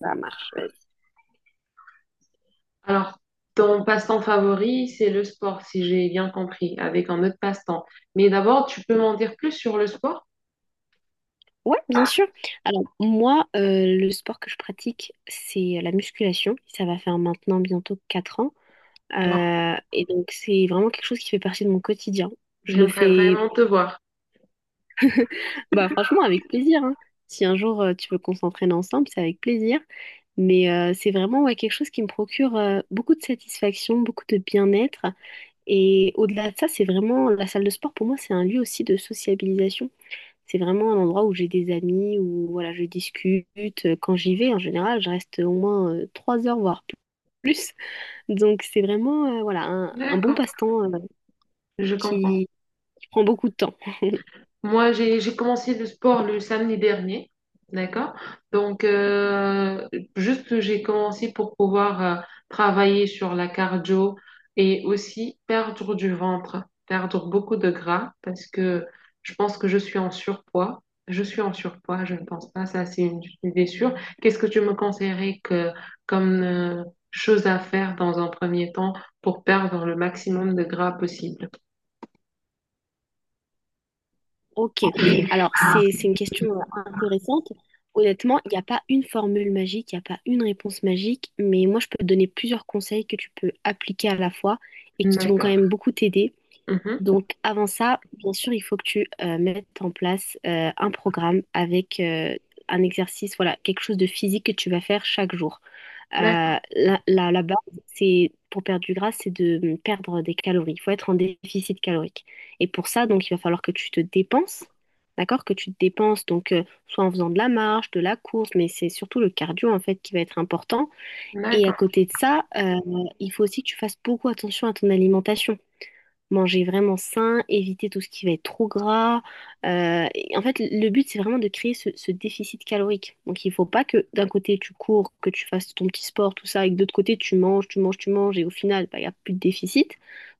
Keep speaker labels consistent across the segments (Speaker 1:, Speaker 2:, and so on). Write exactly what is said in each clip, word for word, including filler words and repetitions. Speaker 1: Ça marche, vas-y.
Speaker 2: Alors, ton passe-temps favori, c'est le sport, si j'ai bien compris, avec un autre passe-temps. Mais d'abord, tu peux m'en dire plus sur le sport?
Speaker 1: Ouais, bien sûr. Alors, moi, euh, le sport que je pratique, c'est la musculation. Ça va faire maintenant bientôt quatre ans.
Speaker 2: Moi,
Speaker 1: Euh, et donc, c'est vraiment quelque chose qui fait partie de mon quotidien. Je le
Speaker 2: j'aimerais
Speaker 1: fais,
Speaker 2: vraiment te voir.
Speaker 1: bah, franchement, avec plaisir, hein. Si un jour, euh, tu veux qu'on s'entraîne ensemble, c'est avec plaisir. Mais euh, c'est vraiment ouais, quelque chose qui me procure euh, beaucoup de satisfaction, beaucoup de bien-être. Et au-delà de ça, c'est vraiment la salle de sport, pour moi, c'est un lieu aussi de sociabilisation. C'est vraiment un endroit où j'ai des amis, où voilà, je discute. Quand j'y vais, en général, je reste au moins euh, trois heures, voire pl- plus. Donc c'est vraiment euh, voilà, un, un bon
Speaker 2: D'accord,
Speaker 1: passe-temps euh,
Speaker 2: je comprends.
Speaker 1: qui, qui prend beaucoup de temps.
Speaker 2: Moi, j'ai j'ai commencé le sport le samedi dernier, d'accord? Donc, euh, juste j'ai commencé pour pouvoir euh, travailler sur la cardio et aussi perdre du ventre, perdre beaucoup de gras parce que je pense que je suis en surpoids. Je suis en surpoids, je ne pense pas, ça c'est une idée sûre. Qu'est-ce que tu me conseillerais que, comme euh, chose à faire dans un premier temps pour perdre le maximum de gras possible?
Speaker 1: Ok, alors c'est c'est une question euh, intéressante. Honnêtement, il n'y a pas une formule magique, il n'y a pas une réponse magique, mais moi je peux te donner plusieurs conseils que tu peux appliquer à la fois et qui vont quand
Speaker 2: D'accord.
Speaker 1: même beaucoup t'aider.
Speaker 2: Mhm.
Speaker 1: Donc, avant ça, bien sûr, il faut que tu euh, mettes en place euh, un programme avec euh, un exercice, voilà, quelque chose de physique que tu vas faire chaque jour.
Speaker 2: D'accord,
Speaker 1: Euh, la, la- la base, c'est pour perdre du gras, c'est de hum, perdre des calories. Il faut être en déficit calorique. Et pour ça, donc, il va falloir que tu te dépenses, d'accord? Que tu te dépenses, donc, euh, soit en faisant de la marche, de la course, mais c'est surtout le cardio, en fait, qui va être important. Et à
Speaker 2: d'accord,
Speaker 1: côté de ça, euh, il faut aussi que tu fasses beaucoup attention à ton alimentation, manger vraiment sain, éviter tout ce qui va être trop gras. Euh, et en fait, le but, c'est vraiment de créer ce, ce déficit calorique. Donc, il faut pas que d'un côté, tu cours, que tu fasses ton petit sport, tout ça, et que de l'autre côté, tu manges, tu manges, tu manges, et au final, bah, il n'y a plus de déficit.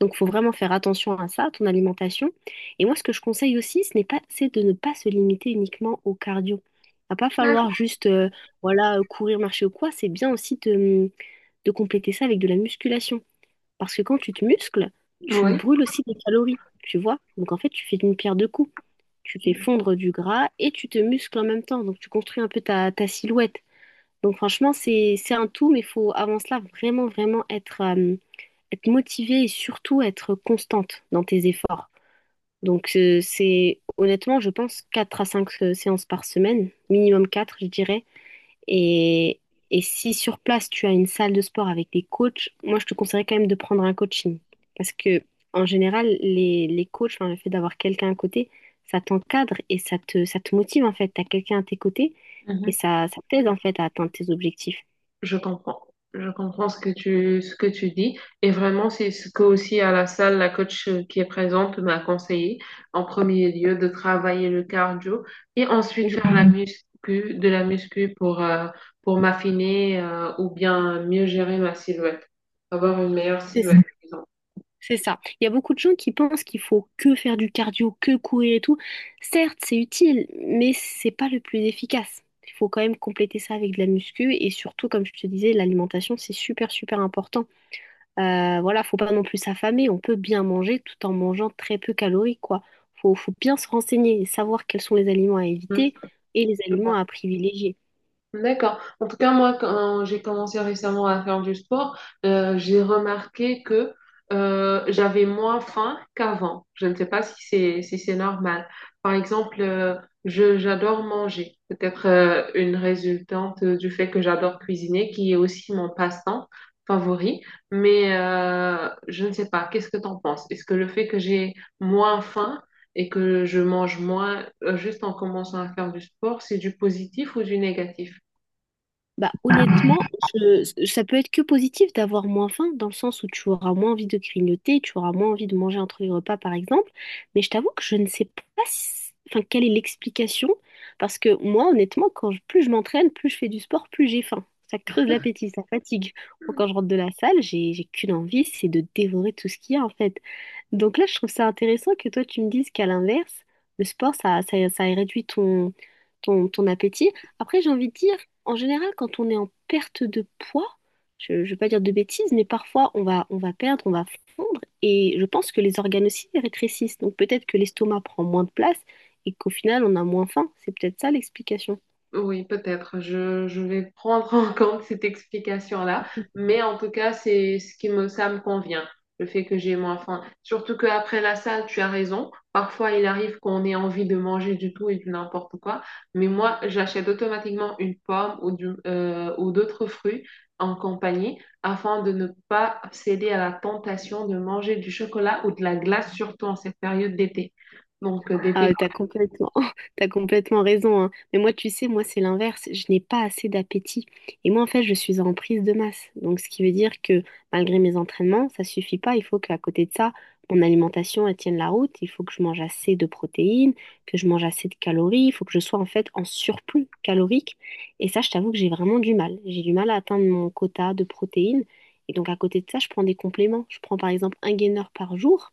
Speaker 1: Donc, il faut vraiment faire attention à ça, à ton alimentation. Et moi, ce que je conseille aussi, ce n'est pas, c'est de ne pas se limiter uniquement au cardio. Il va pas falloir
Speaker 2: d'accord.
Speaker 1: juste, euh, voilà, courir, marcher ou quoi. C'est bien aussi de de compléter ça avec de la musculation. Parce que quand tu te muscles, tu
Speaker 2: Oui.
Speaker 1: brûles aussi des calories, tu vois. Donc en fait, tu fais une pierre deux coups. Tu fais fondre du gras et tu te muscles en même temps. Donc tu construis un peu ta, ta silhouette. Donc franchement, c'est, c'est un tout, mais il faut avant cela vraiment, vraiment être, euh, être motivé et surtout être constante dans tes efforts. Donc euh, c'est honnêtement, je pense, quatre à cinq euh, séances par semaine, minimum quatre, je dirais. Et, et si sur place tu as une salle de sport avec des coachs, moi je te conseillerais quand même de prendre un coaching. Parce que en général, les, les coachs, enfin, le fait d'avoir quelqu'un à côté, ça t'encadre et ça te, ça te motive en fait. Tu as quelqu'un à tes côtés et
Speaker 2: Mhm.
Speaker 1: ça, ça t'aide en fait à atteindre tes objectifs.
Speaker 2: Je comprends. Je comprends ce que tu, ce que tu dis. Et vraiment, c'est ce que aussi à la salle, la coach euh, qui est présente m'a conseillé, en premier lieu, de travailler le cardio et ensuite faire la muscu, de la muscu pour, euh, pour m'affiner euh, ou bien mieux gérer ma silhouette, avoir une meilleure
Speaker 1: Mhm.
Speaker 2: silhouette, disons.
Speaker 1: C'est ça. Il y a beaucoup de gens qui pensent qu'il faut que faire du cardio, que courir et tout. Certes, c'est utile, mais c'est pas le plus efficace. Il faut quand même compléter ça avec de la muscu et surtout, comme je te disais, l'alimentation, c'est super, super important. Euh, voilà, faut pas non plus s'affamer. On peut bien manger tout en mangeant très peu calorique, quoi. Faut, faut bien se renseigner et savoir quels sont les aliments à éviter et les
Speaker 2: Je
Speaker 1: aliments
Speaker 2: vois.
Speaker 1: à privilégier.
Speaker 2: D'accord. En tout cas, moi, quand j'ai commencé récemment à faire du sport, euh, j'ai remarqué que euh, j'avais moins faim qu'avant. Je ne sais pas si c'est si c'est normal. Par exemple, euh, je j'adore manger. Peut-être euh, une résultante du fait que j'adore cuisiner, qui est aussi mon passe-temps favori. Mais euh, je ne sais pas. Qu'est-ce que t'en penses? Est-ce que le fait que j'ai moins faim et que je mange moins, euh, juste en commençant à faire du sport, c'est du positif ou du négatif?
Speaker 1: Bah, honnêtement, je- ça peut être que positif d'avoir moins faim, dans le sens où tu auras moins envie de grignoter, tu auras moins envie de manger entre les repas, par exemple. Mais je t'avoue que je ne sais pas si- enfin, quelle est l'explication, parce que moi, honnêtement, quand je- plus je m'entraîne, plus je fais du sport, plus j'ai faim. Ça creuse l'appétit, ça fatigue. Moi, quand je rentre de la salle, j'ai, j'ai qu'une envie, c'est de dévorer tout ce qu'il y a, en fait. Donc là, je trouve ça intéressant que toi, tu me dises qu'à l'inverse, le sport, ça, ça, ça réduit ton, ton, ton appétit. Après, j'ai envie de dire, en général, quand on est en perte de poids, je ne vais pas dire de bêtises, mais parfois on va, on va perdre, on va fondre, et je pense que les organes aussi rétrécissent. Donc peut-être que l'estomac prend moins de place et qu'au final, on a moins faim. C'est peut-être ça l'explication.
Speaker 2: Oui, peut-être. Je, je vais prendre en compte cette explication-là. Mais en tout cas, c'est ce qui me, ça me convient, le fait que j'ai moins faim. Surtout qu'après la salle, tu as raison. Parfois, il arrive qu'on ait envie de manger du tout et du n'importe quoi. Mais moi, j'achète automatiquement une pomme ou, du- euh, ou d'autres fruits en compagnie afin de ne pas céder à la tentation de manger du chocolat ou de la glace, surtout en cette période d'été. Donc, euh, d'été.
Speaker 1: Ah, t'as complètement, t'as complètement raison, hein. Mais moi, tu sais, moi, c'est l'inverse. Je n'ai pas assez d'appétit. Et moi, en fait, je suis en prise de masse. Donc, ce qui veut dire que malgré mes entraînements, ça suffit pas. Il faut qu'à côté de ça, mon alimentation, elle tienne la route. Il faut que je mange assez de protéines, que je mange assez de calories. Il faut que je sois, en fait, en surplus calorique. Et ça, je t'avoue que j'ai vraiment du mal. J'ai du mal à atteindre mon quota de protéines. Et donc, à côté de ça, je prends des compléments. Je prends, par exemple, un gainer par jour.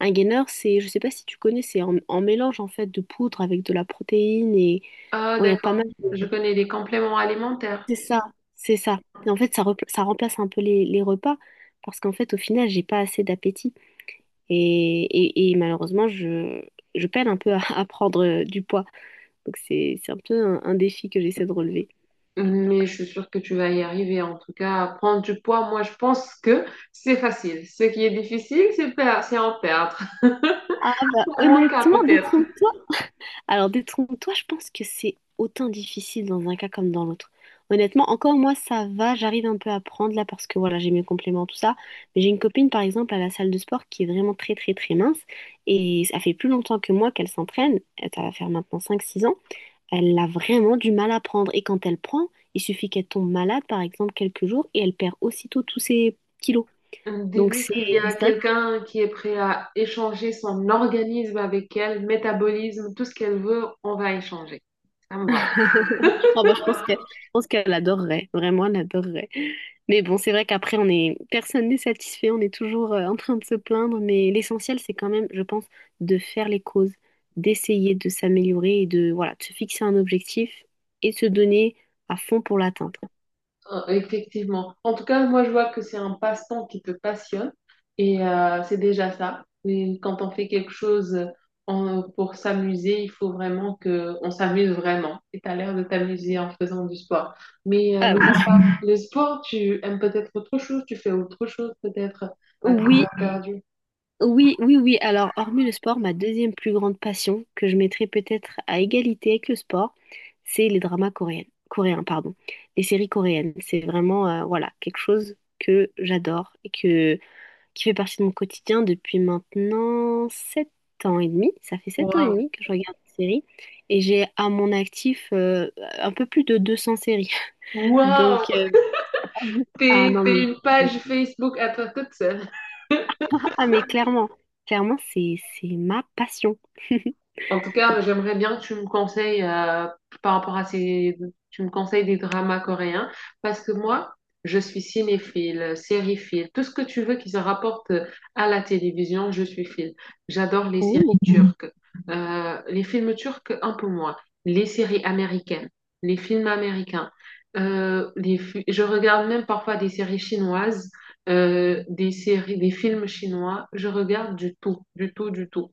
Speaker 1: Un gainer, c'est, je sais pas si tu connais, c'est en, en mélange en fait de poudre avec de la protéine et
Speaker 2: Ah,
Speaker 1: bon, il y a pas
Speaker 2: d'accord.
Speaker 1: mal.
Speaker 2: Je connais des compléments alimentaires.
Speaker 1: C'est ça, c'est ça. Et en fait, ça, repla- ça remplace un peu les, les repas parce qu'en fait, au final, j'ai pas assez d'appétit et, et- et malheureusement, je, je peine un peu à, à prendre euh, du poids. Donc c'est, c'est un peu un, un défi que j'essaie de relever.
Speaker 2: Mais je suis sûre que tu vas y arriver. En tout cas, prendre du poids, moi, je pense que c'est facile. Ce qui est difficile, c'est per- c'est en perdre.
Speaker 1: Ah bah
Speaker 2: Pour mon cas,
Speaker 1: honnêtement,
Speaker 2: peut-être.
Speaker 1: alors, détrompe-toi, je pense que c'est autant difficile dans un cas comme dans l'autre. Honnêtement, encore moi, ça va, j'arrive un peu à prendre là parce que voilà, j'ai mes compléments, tout ça. Mais j'ai une copine, par exemple, à la salle de sport qui est vraiment très, très, très mince. Et ça fait plus longtemps que moi qu'elle s'entraîne. Elle- Ça va faire maintenant cinq, six ans. Elle a vraiment du mal à prendre. Et quand elle prend, il suffit qu'elle tombe malade, par exemple, quelques jours, et elle perd aussitôt tous ses kilos. Donc,
Speaker 2: Dis-lui
Speaker 1: c'est
Speaker 2: qu'il y a
Speaker 1: c'est vrai.
Speaker 2: quelqu'un qui est prêt à échanger son organisme avec elle, métabolisme, tout ce qu'elle veut, on va échanger. Ça me va.
Speaker 1: Ah bah, je pense que, je pense qu'elle adorerait, vraiment, elle adorerait. Mais bon, c'est vrai qu'après, on est, personne n'est satisfait, on est toujours euh, en train de se plaindre, mais l'essentiel, c'est quand même, je pense, de faire les causes, d'essayer de s'améliorer et de, voilà, de se fixer un objectif et de se donner à fond pour l'atteindre.
Speaker 2: Euh, Effectivement. En tout cas, moi, je vois que c'est un passe-temps qui te passionne et euh, c'est déjà ça. Mais quand on fait quelque chose euh, en- pour s'amuser, il faut vraiment que on s'amuse vraiment. Et tu as l'air de t'amuser en faisant du sport. Mais euh,
Speaker 1: Ah
Speaker 2: mis à
Speaker 1: oui.
Speaker 2: part le sport, tu aimes peut-être autre chose, tu fais autre chose peut-être à tes heures
Speaker 1: Oui,
Speaker 2: perdues.
Speaker 1: oui, oui, oui. Alors, hormis le sport, ma deuxième plus grande passion, que je mettrais peut-être à égalité avec le sport, c'est les dramas coréens, coréens, pardon, les séries coréennes. C'est vraiment, euh, voilà, quelque chose que j'adore et que, qui fait partie de mon quotidien depuis maintenant sept ans et demi. Ça fait sept ans et
Speaker 2: Waouh!
Speaker 1: demi que je regarde des séries et j'ai à mon actif euh, un peu plus de deux cents séries.
Speaker 2: Waouh!
Speaker 1: Donc, euh, ah
Speaker 2: T'es,
Speaker 1: non,
Speaker 2: t'es
Speaker 1: mais,
Speaker 2: une page Facebook à toi toute seule.
Speaker 1: ah, mais clairement, clairement, c'est, c'est ma passion.
Speaker 2: En tout cas, j'aimerais bien que tu me conseilles euh, par rapport à ces, tu me conseilles des dramas coréens parce que moi, je suis cinéphile, sériephile, tout ce que tu veux qui se rapporte à la télévision, je suis file. J'adore les séries
Speaker 1: Oh.
Speaker 2: turques. Euh, les films turcs un peu moins, les séries américaines, les films américains. Euh, les fi- je regarde même parfois des séries chinoises, euh, des séries, des films chinois. Je regarde du tout, du tout, du tout.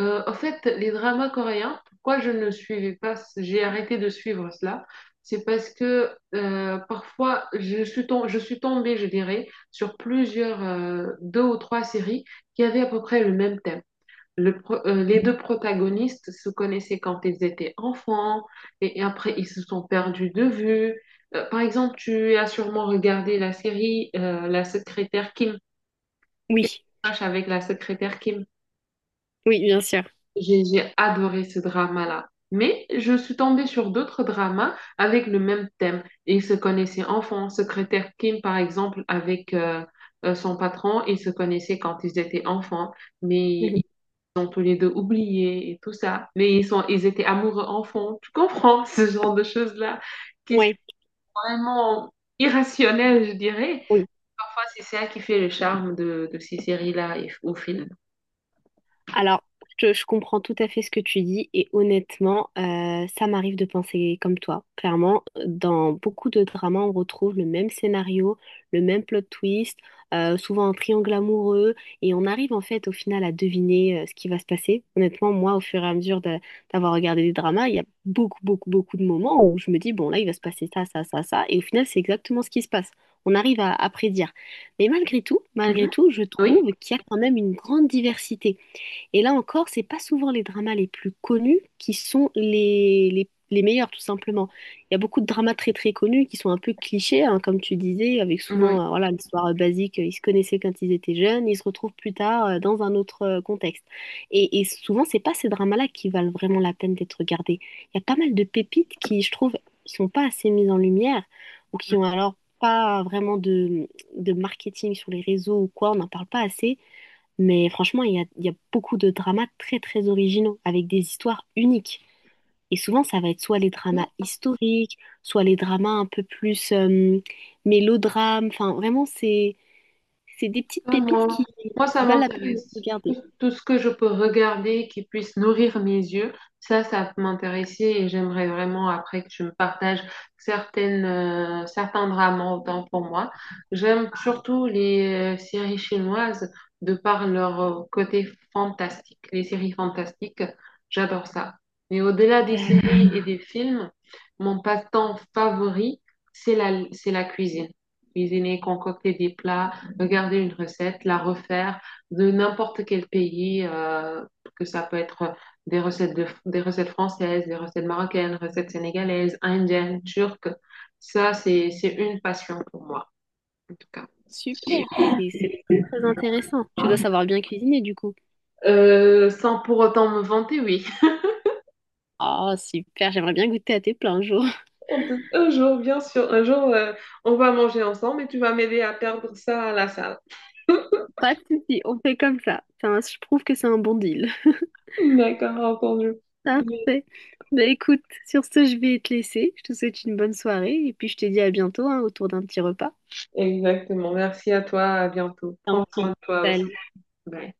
Speaker 2: Euh, en fait, les dramas coréens, pourquoi je ne suivais pas, j'ai arrêté de suivre cela, c'est parce que euh, parfois je suis tom- je suis tombée, je dirais, sur plusieurs, euh, deux ou trois séries qui avaient à peu près le même thème. Le pro- euh, les deux protagonistes se connaissaient quand ils étaient enfants et, et après ils se sont perdus de vue. Euh, par exemple, tu as sûrement regardé la série euh, La secrétaire Kim, qui
Speaker 1: Oui,
Speaker 2: marche avec la secrétaire Kim.
Speaker 1: oui, bien sûr.
Speaker 2: J'ai j'ai adoré ce drama-là. Mais je suis tombée sur d'autres dramas avec le même thème. Ils se connaissaient enfants. Secrétaire Kim, par exemple, avec euh, euh, son patron, ils se connaissaient quand ils étaient enfants. Mais
Speaker 1: Mhm.
Speaker 2: ils ont tous les deux oublié et tout ça. Mais ils sont, ils étaient amoureux enfants. Tu comprends ce genre de choses-là qui sont
Speaker 1: Ouais,
Speaker 2: vraiment irrationnelles, je dirais.
Speaker 1: oui.
Speaker 2: Parfois, c'est ça qui fait le charme de, de ces séries-là et- ou films.
Speaker 1: Alors, je, je comprends tout à fait ce que tu dis et honnêtement, euh, ça m'arrive de penser comme toi. Clairement, dans beaucoup de dramas, on retrouve le même scénario, le même plot twist, euh, souvent un triangle amoureux et on arrive en fait au final à deviner euh, ce qui va se passer. Honnêtement, moi, au fur et à mesure de- d'avoir regardé des dramas, il y a beaucoup, beaucoup, beaucoup de moments où je me dis, bon, là, il va se passer ça, ça, ça, ça et au final, c'est exactement ce qui se passe. On arrive à à prédire. Mais malgré tout, malgré
Speaker 2: Mhm.
Speaker 1: tout, je
Speaker 2: Oui,
Speaker 1: trouve qu'il y a quand même une grande diversité. Et là encore, c'est pas souvent les dramas les plus connus qui sont les, les, les meilleurs, tout simplement. Il y a beaucoup de dramas très très connus qui sont un peu clichés, hein, comme tu disais, avec
Speaker 2: oui.
Speaker 1: souvent euh, voilà, l'histoire euh, basique, euh, ils se connaissaient quand ils étaient jeunes, ils se retrouvent plus tard euh, dans un autre euh, contexte. Et, et souvent, c'est pas ces dramas-là qui valent vraiment la peine d'être regardés. Il y a pas mal de pépites qui, je trouve, sont pas assez mises en lumière ou qui ont alors pas vraiment de, de marketing sur les réseaux ou quoi, on n'en parle pas assez. Mais franchement, il y a, il y a beaucoup de dramas très très originaux, avec des histoires uniques. Et souvent, ça va être soit les dramas
Speaker 2: Mm.
Speaker 1: historiques, soit les dramas un peu plus euh, mélodrames. Enfin, vraiment, c'est, c'est des petites
Speaker 2: Ah,
Speaker 1: pépites
Speaker 2: moi,
Speaker 1: qui,
Speaker 2: moi, ça
Speaker 1: qui valent la peine de se
Speaker 2: m'intéresse.
Speaker 1: regarder.
Speaker 2: Tout, tout ce que je peux regarder qui puisse nourrir mes yeux, ça, ça peut m'intéresser et j'aimerais vraiment après que tu me partages certaines, euh, certains drames autant pour moi. J'aime surtout les euh, séries chinoises de par leur euh, côté fantastique, les séries fantastiques, j'adore ça. Mais au-delà des
Speaker 1: D'accord,
Speaker 2: séries et des films, mon passe-temps favori, c'est la, c'est la cuisine. Cuisiner, concocter des plats, regarder une recette, la refaire de n'importe quel pays, euh, que ça peut être des recettes, de, des recettes françaises, des recettes marocaines, recettes sénégalaises, indiennes, turques. Ça, c'est, c'est une passion pour moi, en tout cas.
Speaker 1: super, c'est, c'est très intéressant. Tu dois savoir bien cuisiner du coup.
Speaker 2: Euh, sans pour autant me vanter, oui.
Speaker 1: Oh, super, j'aimerais bien goûter à tes plats un jour.
Speaker 2: Un jour, bien sûr, un jour, euh, on va manger ensemble et tu vas m'aider à perdre ça à la salle.
Speaker 1: Pas de souci, on fait comme ça. Ça un- je trouve que c'est un bon deal.
Speaker 2: D'accord, entendu.
Speaker 1: Parfait. Bah écoute, sur ce, je vais te laisser. Je te souhaite une bonne soirée et puis je te dis à bientôt, hein, autour d'un petit repas.
Speaker 2: Exactement. Merci à toi. À bientôt.
Speaker 1: Tant
Speaker 2: Prends soin
Speaker 1: pis.
Speaker 2: de toi aussi.
Speaker 1: Salut.
Speaker 2: Bye.